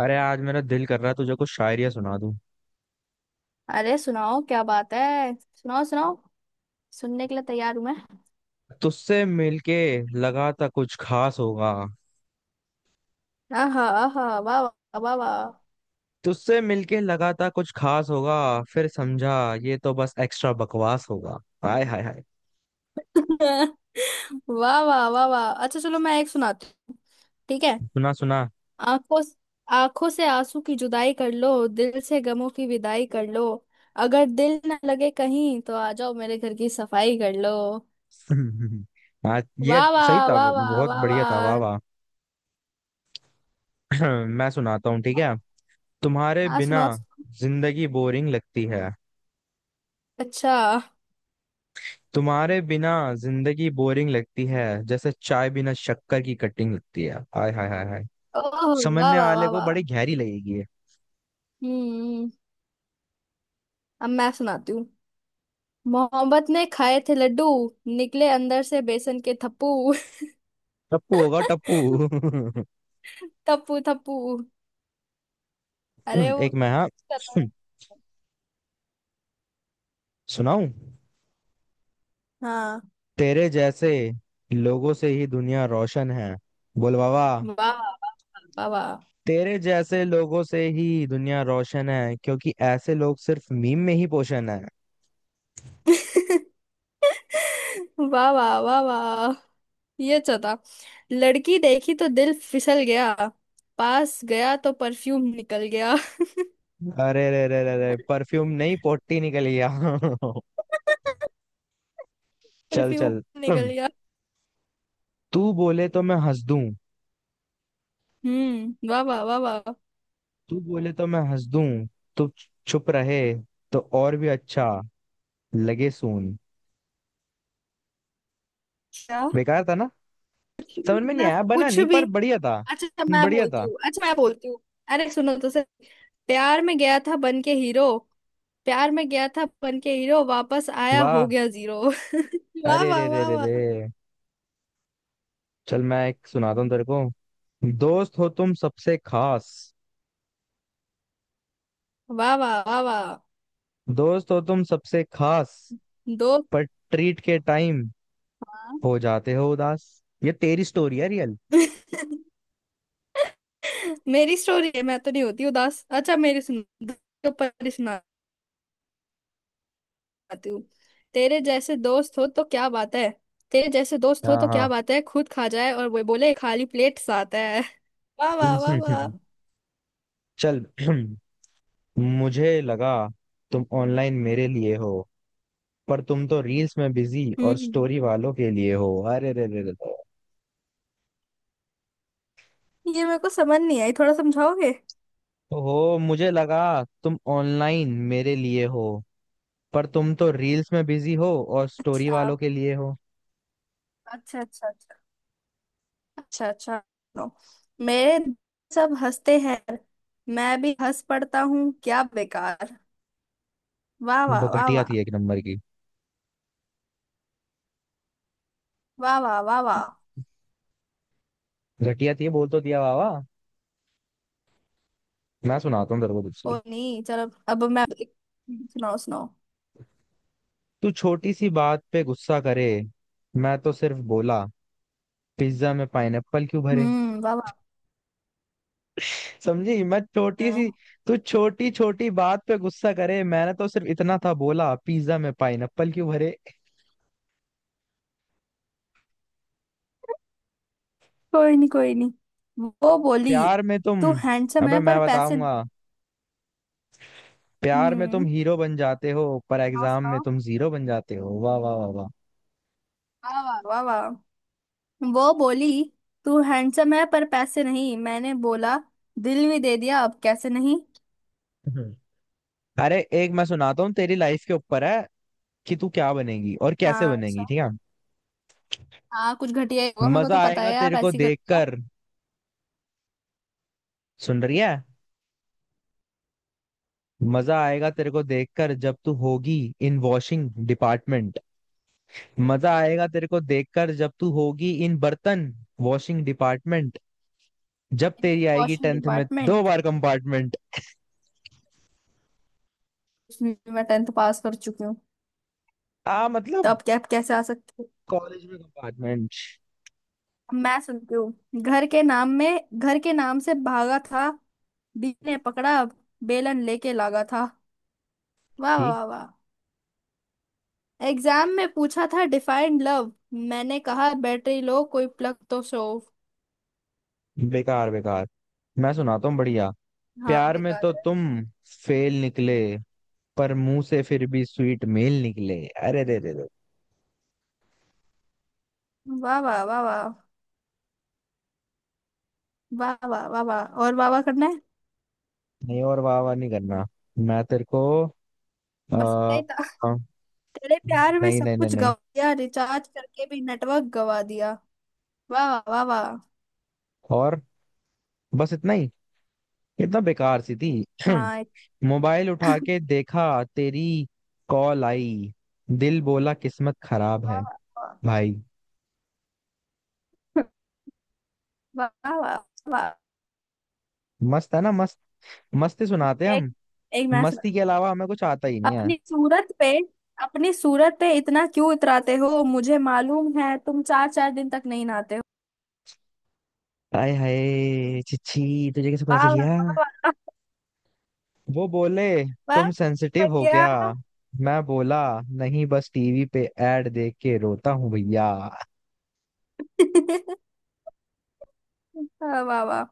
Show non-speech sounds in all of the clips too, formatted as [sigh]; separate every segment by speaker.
Speaker 1: अरे आज मेरा दिल कर रहा है तुझे कुछ शायरियां सुना दूं।
Speaker 2: अरे सुनाओ क्या बात है सुनाओ सुनाओ। सुनने के लिए तैयार हूं मैं।
Speaker 1: तुझसे मिलके लगा था कुछ खास होगा।
Speaker 2: आहा आहा वाह वाह वाह वाह।
Speaker 1: तुझसे मिलके लगा था कुछ खास होगा, फिर समझा ये तो बस एक्स्ट्रा बकवास होगा। हाय हाय हाय।
Speaker 2: [laughs] वाह वाह वाह वाह। अच्छा चलो मैं एक सुनाती हूँ। ठीक है।
Speaker 1: सुना सुना।
Speaker 2: आंखों आंखों से आंसू की जुदाई कर लो दिल से गमों की विदाई कर लो। अगर दिल न लगे कहीं तो आ जाओ मेरे घर की सफाई कर लो।
Speaker 1: [laughs] आज ये
Speaker 2: वाह वाह
Speaker 1: सही था,
Speaker 2: वाह वाह
Speaker 1: बहुत
Speaker 2: वाह
Speaker 1: बढ़िया था, वाह
Speaker 2: वाह।
Speaker 1: वाह। [clears throat] मैं सुनाता हूँ, ठीक है। तुम्हारे
Speaker 2: हाँ
Speaker 1: बिना
Speaker 2: सुनाओ।
Speaker 1: जिंदगी बोरिंग लगती है।
Speaker 2: अच्छा।
Speaker 1: तुम्हारे बिना जिंदगी बोरिंग लगती है, जैसे चाय बिना शक्कर की कटिंग लगती है। हाय हाय हाय हाय।
Speaker 2: ओह। वाह
Speaker 1: समझने
Speaker 2: वाह
Speaker 1: वाले
Speaker 2: वाह
Speaker 1: को
Speaker 2: वाह।
Speaker 1: बड़ी गहरी लगेगी ये।
Speaker 2: हम्म। अब मैं सुनाती हूँ। मोहब्बत ने खाए थे लड्डू निकले अंदर से बेसन के थप्पू।
Speaker 1: टप्पू होगा टप्पू। [laughs]
Speaker 2: [laughs] थप्पू थप्पू। अरे वो।
Speaker 1: एक मैं, हाँ, सुनाऊं।
Speaker 2: हाँ।
Speaker 1: तेरे जैसे लोगों से ही दुनिया रोशन है, बोल बाबा।
Speaker 2: वाह वाह वाह वाह।
Speaker 1: तेरे जैसे लोगों से ही दुनिया रोशन है क्योंकि ऐसे लोग सिर्फ मीम में ही पोषण है।
Speaker 2: [laughs] वाह वाह वाह वाह। ये चता लड़की देखी तो दिल फिसल गया पास गया तो परफ्यूम निकल गया।
Speaker 1: अरे रे रे रे रे, परफ्यूम नहीं पोटी निकल गया। [laughs]
Speaker 2: [laughs]
Speaker 1: चल चल,
Speaker 2: परफ्यूम निकल गया।
Speaker 1: तू बोले तो मैं हंस दूं।
Speaker 2: वाह वाह वाह वाह।
Speaker 1: तू बोले तो मैं हंस दूं, तू छुप रहे तो और भी अच्छा लगे। सून,
Speaker 2: क्या।
Speaker 1: बेकार था ना।
Speaker 2: कुछ भी
Speaker 1: समझ में नहीं
Speaker 2: मतलब
Speaker 1: आया, बना
Speaker 2: कुछ
Speaker 1: नहीं,
Speaker 2: भी।
Speaker 1: पर बढ़िया था।
Speaker 2: अच्छा अच्छा, मैं
Speaker 1: बढ़िया
Speaker 2: बोलती
Speaker 1: था।
Speaker 2: हूँ अच्छा मैं बोलती हूँ। अरे सुनो तो सर, प्यार में गया था बन के हीरो, प्यार में गया था बन के हीरो वापस आया हो
Speaker 1: वाह,
Speaker 2: गया जीरो। [laughs] वाह
Speaker 1: अरे रे
Speaker 2: वाह
Speaker 1: रे
Speaker 2: वाह
Speaker 1: रे रे,
Speaker 2: वाह
Speaker 1: चल मैं एक सुनाता हूँ तेरे को। दोस्त हो तुम सबसे खास।
Speaker 2: वाह वाह वाह वाह।
Speaker 1: दोस्त हो तुम सबसे खास,
Speaker 2: दोस्त
Speaker 1: पर ट्रीट के टाइम
Speaker 2: वाह।
Speaker 1: हो जाते हो उदास। ये तेरी स्टोरी है रियल।
Speaker 2: [laughs] मेरी स्टोरी है मैं तो नहीं होती उदास। अच्छा मेरी सुनो दोस्त के ऊपर ही सुनाती हूँ। तेरे जैसे दोस्त हो तो क्या बात है। तेरे जैसे दोस्त हो
Speaker 1: हाँ
Speaker 2: तो क्या
Speaker 1: हाँ।
Speaker 2: बात है खुद खा जाए और वो बोले खाली प्लेट साथ है। [laughs] वाह वाह वाह वाह।
Speaker 1: [laughs] चल। [clears throat] मुझे लगा तुम ऑनलाइन मेरे लिए हो, पर तुम तो रील्स में बिजी और
Speaker 2: हम्म।
Speaker 1: स्टोरी वालों के लिए हो। अरे रे रे रे।
Speaker 2: ये मेरे को समझ नहीं आई थोड़ा समझाओगे।
Speaker 1: ओह, मुझे लगा तुम ऑनलाइन मेरे लिए हो, पर तुम तो रील्स में बिजी हो और स्टोरी
Speaker 2: अच्छा
Speaker 1: वालों के लिए हो।
Speaker 2: अच्छा अच्छा। अच्छा अच्छा अच्छा सुनो, मेरे सब हंसते हैं मैं भी हंस पड़ता हूँ क्या बेकार। वाह वाह वाह
Speaker 1: घटिया
Speaker 2: वाह।
Speaker 1: थी, एक नंबर की।
Speaker 2: वाह वाह वाह वाह।
Speaker 1: घटिया थी, बोल तो दिया वावा। मैं सुनाता हूँ तेरे को दूसरी।
Speaker 2: कोई नहीं चलो अब मैं एक- सुनाओ सुनाओ।
Speaker 1: तू छोटी सी बात पे गुस्सा करे, मैं तो सिर्फ बोला पिज्जा में पाइनएप्पल क्यों भरे।
Speaker 2: वाह वाह।
Speaker 1: समझी, मैं छोटी
Speaker 2: हम्म,
Speaker 1: सी। तू छोटी छोटी बात पे गुस्सा करे, मैंने तो सिर्फ इतना था बोला पिज्जा में पाइनएप्पल क्यों भरे।
Speaker 2: कोई नहीं कोई नहीं। वो बोली
Speaker 1: प्यार में तुम,
Speaker 2: तू हैंडसम
Speaker 1: अबे
Speaker 2: है पर
Speaker 1: मैं
Speaker 2: पैसे।
Speaker 1: बताऊंगा। प्यार में तुम
Speaker 2: हम्म।
Speaker 1: हीरो बन जाते हो, पर
Speaker 2: सुनाओ
Speaker 1: एग्जाम में
Speaker 2: सुनाओ।
Speaker 1: तुम जीरो बन जाते हो। वाह वाह वाह वाह।
Speaker 2: वाह वाह वाह वाह। वो बोली तू हैंडसम है पर पैसे नहीं मैंने बोला दिल भी दे दिया अब कैसे नहीं।
Speaker 1: हम्म, अरे एक मैं सुनाता हूँ, तेरी लाइफ के ऊपर है, कि तू क्या बनेगी और कैसे
Speaker 2: हाँ
Speaker 1: बनेगी,
Speaker 2: अच्छा।
Speaker 1: ठीक है।
Speaker 2: हाँ कुछ घटिया ही होगा मेरे को
Speaker 1: मजा
Speaker 2: तो पता
Speaker 1: आएगा
Speaker 2: है आप
Speaker 1: तेरे को
Speaker 2: ऐसी करते हो।
Speaker 1: देखकर, सुन रही है। मजा आएगा तेरे को देखकर जब तू होगी इन वॉशिंग डिपार्टमेंट। मजा आएगा तेरे को देखकर जब तू होगी इन बर्तन वॉशिंग डिपार्टमेंट, जब तेरी आएगी
Speaker 2: वॉशिंग
Speaker 1: टेंथ में दो
Speaker 2: डिपार्टमेंट
Speaker 1: बार कंपार्टमेंट।
Speaker 2: उसमें भी मैं टेंथ पास कर चुकी हूँ।
Speaker 1: आ,
Speaker 2: तो
Speaker 1: मतलब
Speaker 2: अब क्या अब कैसे आ सकती हूँ।
Speaker 1: कॉलेज में कंपार्टमेंट।
Speaker 2: अब मैं सुनती हूँ। घर के नाम में घर के नाम से भागा था बी ने पकड़ा बेलन लेके लागा था। वाह
Speaker 1: ठीक।
Speaker 2: वाह वाह। एग्जाम में पूछा था डिफाइंड लव मैंने कहा बैटरी लो कोई प्लग तो शो।
Speaker 1: बेकार बेकार, मैं सुनाता हूँ बढ़िया।
Speaker 2: हाँ
Speaker 1: प्यार में
Speaker 2: बेकार
Speaker 1: तो
Speaker 2: है।
Speaker 1: तुम फेल निकले, पर मुंह से फिर भी स्वीट मेल निकले। अरे दे दे दे,
Speaker 2: वाह वाह वाह वाह वाह वाह वाह वाह और वाह वाह करना है।
Speaker 1: नहीं और वाह वाह नहीं करना। मैं तेरे को,
Speaker 2: बस इतना
Speaker 1: आ,
Speaker 2: ही था। तेरे प्यार में
Speaker 1: नहीं
Speaker 2: सब
Speaker 1: नहीं नहीं
Speaker 2: कुछ
Speaker 1: नहीं,
Speaker 2: गवा दिया रिचार्ज करके भी नेटवर्क गवा दिया। वाह वाह वाह वाह।
Speaker 1: और बस इतना ही, इतना बेकार सी थी।
Speaker 2: हाँ एक-।
Speaker 1: [clears throat] मोबाइल उठा के देखा तेरी कॉल आई, दिल बोला किस्मत खराब
Speaker 2: वाह
Speaker 1: है
Speaker 2: वाह
Speaker 1: भाई।
Speaker 2: वाह वाह वाह, वाह।
Speaker 1: मस्त है ना, मस्त। मस्ती सुनाते हैं
Speaker 2: एक
Speaker 1: हम।
Speaker 2: एक मैं
Speaker 1: मस्ती के
Speaker 2: सुनाती
Speaker 1: अलावा हमें कुछ आता ही
Speaker 2: हूँ।
Speaker 1: नहीं है।
Speaker 2: अपनी सूरत पे, अपनी सूरत पे इतना क्यों इतराते हो मुझे मालूम है तुम चार चार दिन तक नहीं नहाते हो।
Speaker 1: हाय हाय, छिछी, तुझे कैसे पता
Speaker 2: वाह
Speaker 1: चल गया।
Speaker 2: वाह वाह वाह।
Speaker 1: वो बोले
Speaker 2: वाह
Speaker 1: तुम
Speaker 2: वाह,
Speaker 1: सेंसिटिव हो क्या,
Speaker 2: क्या।
Speaker 1: मैं बोला नहीं, बस टीवी पे एड देख के रोता हूँ भैया।
Speaker 2: हाँ, वाह वाह।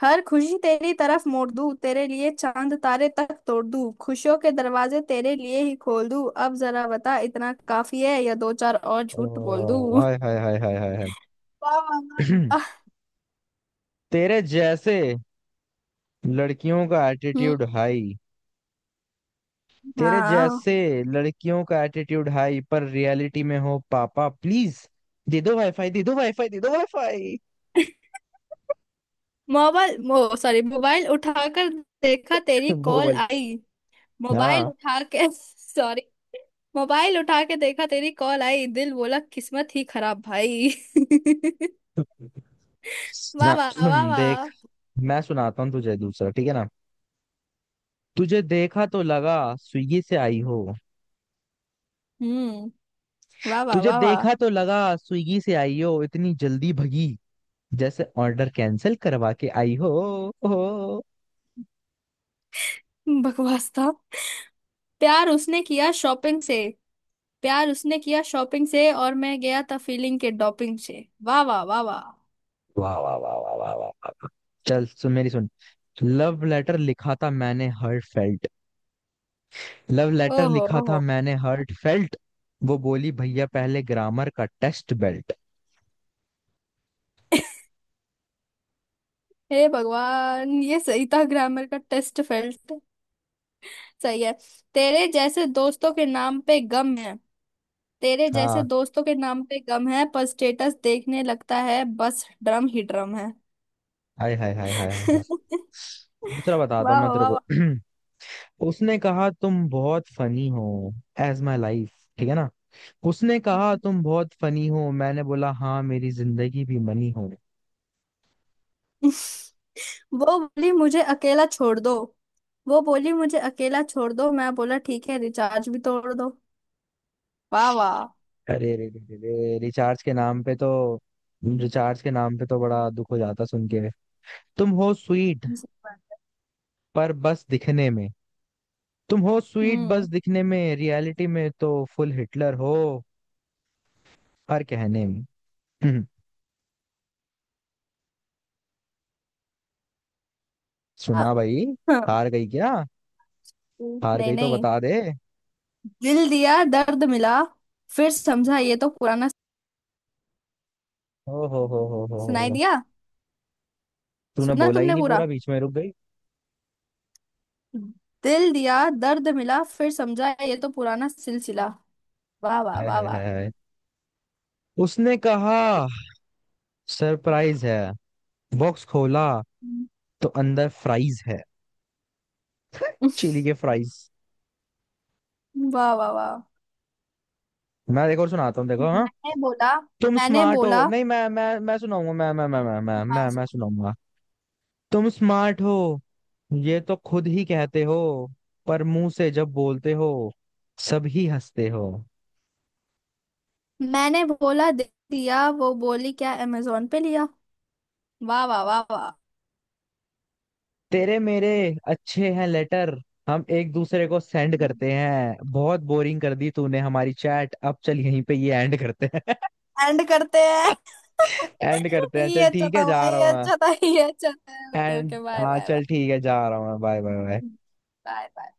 Speaker 2: हर खुशी तेरी तरफ मोड़ दूं तेरे लिए चांद तारे तक तोड़ दूं खुशियों के दरवाजे तेरे लिए ही खोल दूं अब जरा बता इतना काफी है या दो चार और झूठ बोल
Speaker 1: ओ
Speaker 2: दूं।
Speaker 1: हाय हाय हाय हाय हाय हाय।
Speaker 2: वाह वाह, वाह, वाह।
Speaker 1: [clears throat] तेरे जैसे लड़कियों का
Speaker 2: हम्म।
Speaker 1: Attitude high. तेरे
Speaker 2: हाँ।
Speaker 1: जैसे लड़कियों का एटीट्यूड हाई, पर रियलिटी में हो पापा प्लीज दे दो वाईफाई, दे दो वाईफाई, दे दो वाईफाई।
Speaker 2: मोबाइल मो सॉरी मोबाइल उठाकर देखा
Speaker 1: [laughs]
Speaker 2: तेरी कॉल
Speaker 1: मोबाइल,
Speaker 2: आई। मोबाइल
Speaker 1: हाँ,
Speaker 2: उठा के [laughs] सॉरी। मोबाइल उठा के देखा तेरी कॉल आई दिल बोला किस्मत ही खराब भाई। [laughs] वाह
Speaker 1: ना-
Speaker 2: वाह वाह
Speaker 1: [clears throat]
Speaker 2: वाह।
Speaker 1: देख, मैं सुनाता हूँ तुझे दूसरा, ठीक है ना। तुझे देखा तो लगा स्विगी से आई हो।
Speaker 2: हम्म वाह वाह
Speaker 1: तुझे
Speaker 2: वाह वाह।
Speaker 1: देखा तो लगा स्विगी से आई हो, इतनी जल्दी भगी जैसे ऑर्डर कैंसिल करवा के आई हो। ओ,
Speaker 2: बकवास था। प्यार उसने किया शॉपिंग से, प्यार उसने किया शॉपिंग से और मैं गया था फीलिंग के डॉपिंग से। वाह वाह वाह वाह।
Speaker 1: वाह वाह वाह वाह वाह वाह वाह। चल सुन, मेरी सुन। लव लेटर लिखा था मैंने हर्ट फेल्ट। लव लेटर
Speaker 2: ओहो
Speaker 1: लिखा था
Speaker 2: ओहो।
Speaker 1: मैंने हर्ट फेल्ट, वो बोली भैया पहले ग्रामर का टेस्ट बेल्ट।
Speaker 2: हे भगवान ये सही था ग्रामर का टेस्ट फेल्ट। सही है। तेरे जैसे दोस्तों के नाम पे गम है, तेरे जैसे
Speaker 1: हाँ,
Speaker 2: दोस्तों के नाम पे गम है पर स्टेटस देखने लगता है बस ड्रम ही ड्रम है।
Speaker 1: हाय हाय हाय हाय हाय
Speaker 2: [laughs]
Speaker 1: हाय।
Speaker 2: वाह
Speaker 1: दूसरा बताता हूँ मैं
Speaker 2: वाह
Speaker 1: तेरे को।
Speaker 2: वाह
Speaker 1: [clears throat] उसने कहा तुम बहुत फनी हो, एज माई लाइफ, ठीक है ना। उसने कहा
Speaker 2: वाह।
Speaker 1: तुम बहुत फनी हो, मैंने बोला हाँ मेरी जिंदगी भी मनी हो।
Speaker 2: [laughs] वो बोली मुझे अकेला छोड़ दो, वो बोली मुझे अकेला छोड़ दो मैं बोला ठीक है रिचार्ज भी तोड़ दो। वाह वाह।
Speaker 1: अरे रे रे रे रे, रिचार्ज के नाम पे तो, रिचार्ज के नाम पे तो बड़ा दुख हो जाता सुन के। तुम हो स्वीट, पर बस दिखने में। तुम हो स्वीट बस
Speaker 2: हम्म।
Speaker 1: दिखने में, रियलिटी में तो फुल हिटलर हो, हर कहने में। हम्म, सुना
Speaker 2: अब-।
Speaker 1: भाई।
Speaker 2: हम्म,
Speaker 1: हार गई क्या, हार
Speaker 2: नहीं
Speaker 1: गई तो
Speaker 2: नहीं।
Speaker 1: बता दे।
Speaker 2: दिल दिया दर्द मिला फिर समझा
Speaker 1: हाँ।
Speaker 2: ये तो पुराना।
Speaker 1: ओ हो
Speaker 2: सुनाई
Speaker 1: हो
Speaker 2: दिया।
Speaker 1: तूने
Speaker 2: सुना
Speaker 1: बोला ही
Speaker 2: तुमने
Speaker 1: नहीं
Speaker 2: पूरा।
Speaker 1: पूरा, बीच में रुक गई।
Speaker 2: दिल दिया दर्द मिला फिर समझा ये तो पुराना सिलसिला। वाह वाह
Speaker 1: हाय
Speaker 2: वाह
Speaker 1: हाय
Speaker 2: वाह।
Speaker 1: हाय हाय। उसने कहा सरप्राइज है, बॉक्स खोला
Speaker 2: हम्म।
Speaker 1: तो अंदर फ्राइज है, चिली
Speaker 2: [laughs]
Speaker 1: के फ्राइज।
Speaker 2: वाह वाह वाह।
Speaker 1: मैं देखो सुनाता हूँ, देखो, हाँ।
Speaker 2: मैंने बोला।
Speaker 1: तुम
Speaker 2: मैंने
Speaker 1: स्मार्ट हो,
Speaker 2: बोला।
Speaker 1: नहीं, मैं सुनाऊंगा, मैं मैं मैं मैं मैं
Speaker 2: हाँ।
Speaker 1: मैं मैं सुनाऊंगा। तुम स्मार्ट हो, ये तो खुद ही कहते हो, पर मुंह से जब बोलते हो सब ही हंसते हो।
Speaker 2: मैंने बोला दे दिया वो बोली क्या अमेजोन पे लिया। वाह वाह वाह वाह।
Speaker 1: तेरे मेरे अच्छे हैं लेटर, हम एक दूसरे को सेंड करते हैं, बहुत बोरिंग कर दी तूने हमारी चैट, अब चल यहीं पे ये एंड करते हैं।
Speaker 2: एंड करते हैं।
Speaker 1: [laughs]
Speaker 2: [laughs]
Speaker 1: एंड करते हैं,
Speaker 2: ये
Speaker 1: चल
Speaker 2: अच्छा
Speaker 1: ठीक है,
Speaker 2: था
Speaker 1: जा
Speaker 2: भाई
Speaker 1: रहा हूँ मैं।
Speaker 2: ये अच्छा था ओके
Speaker 1: एंड,
Speaker 2: ओके बाय
Speaker 1: हाँ,
Speaker 2: बाय बाय।
Speaker 1: चल ठीक है, जा रहा हूँ मैं, bye bye bye.
Speaker 2: Bye bye.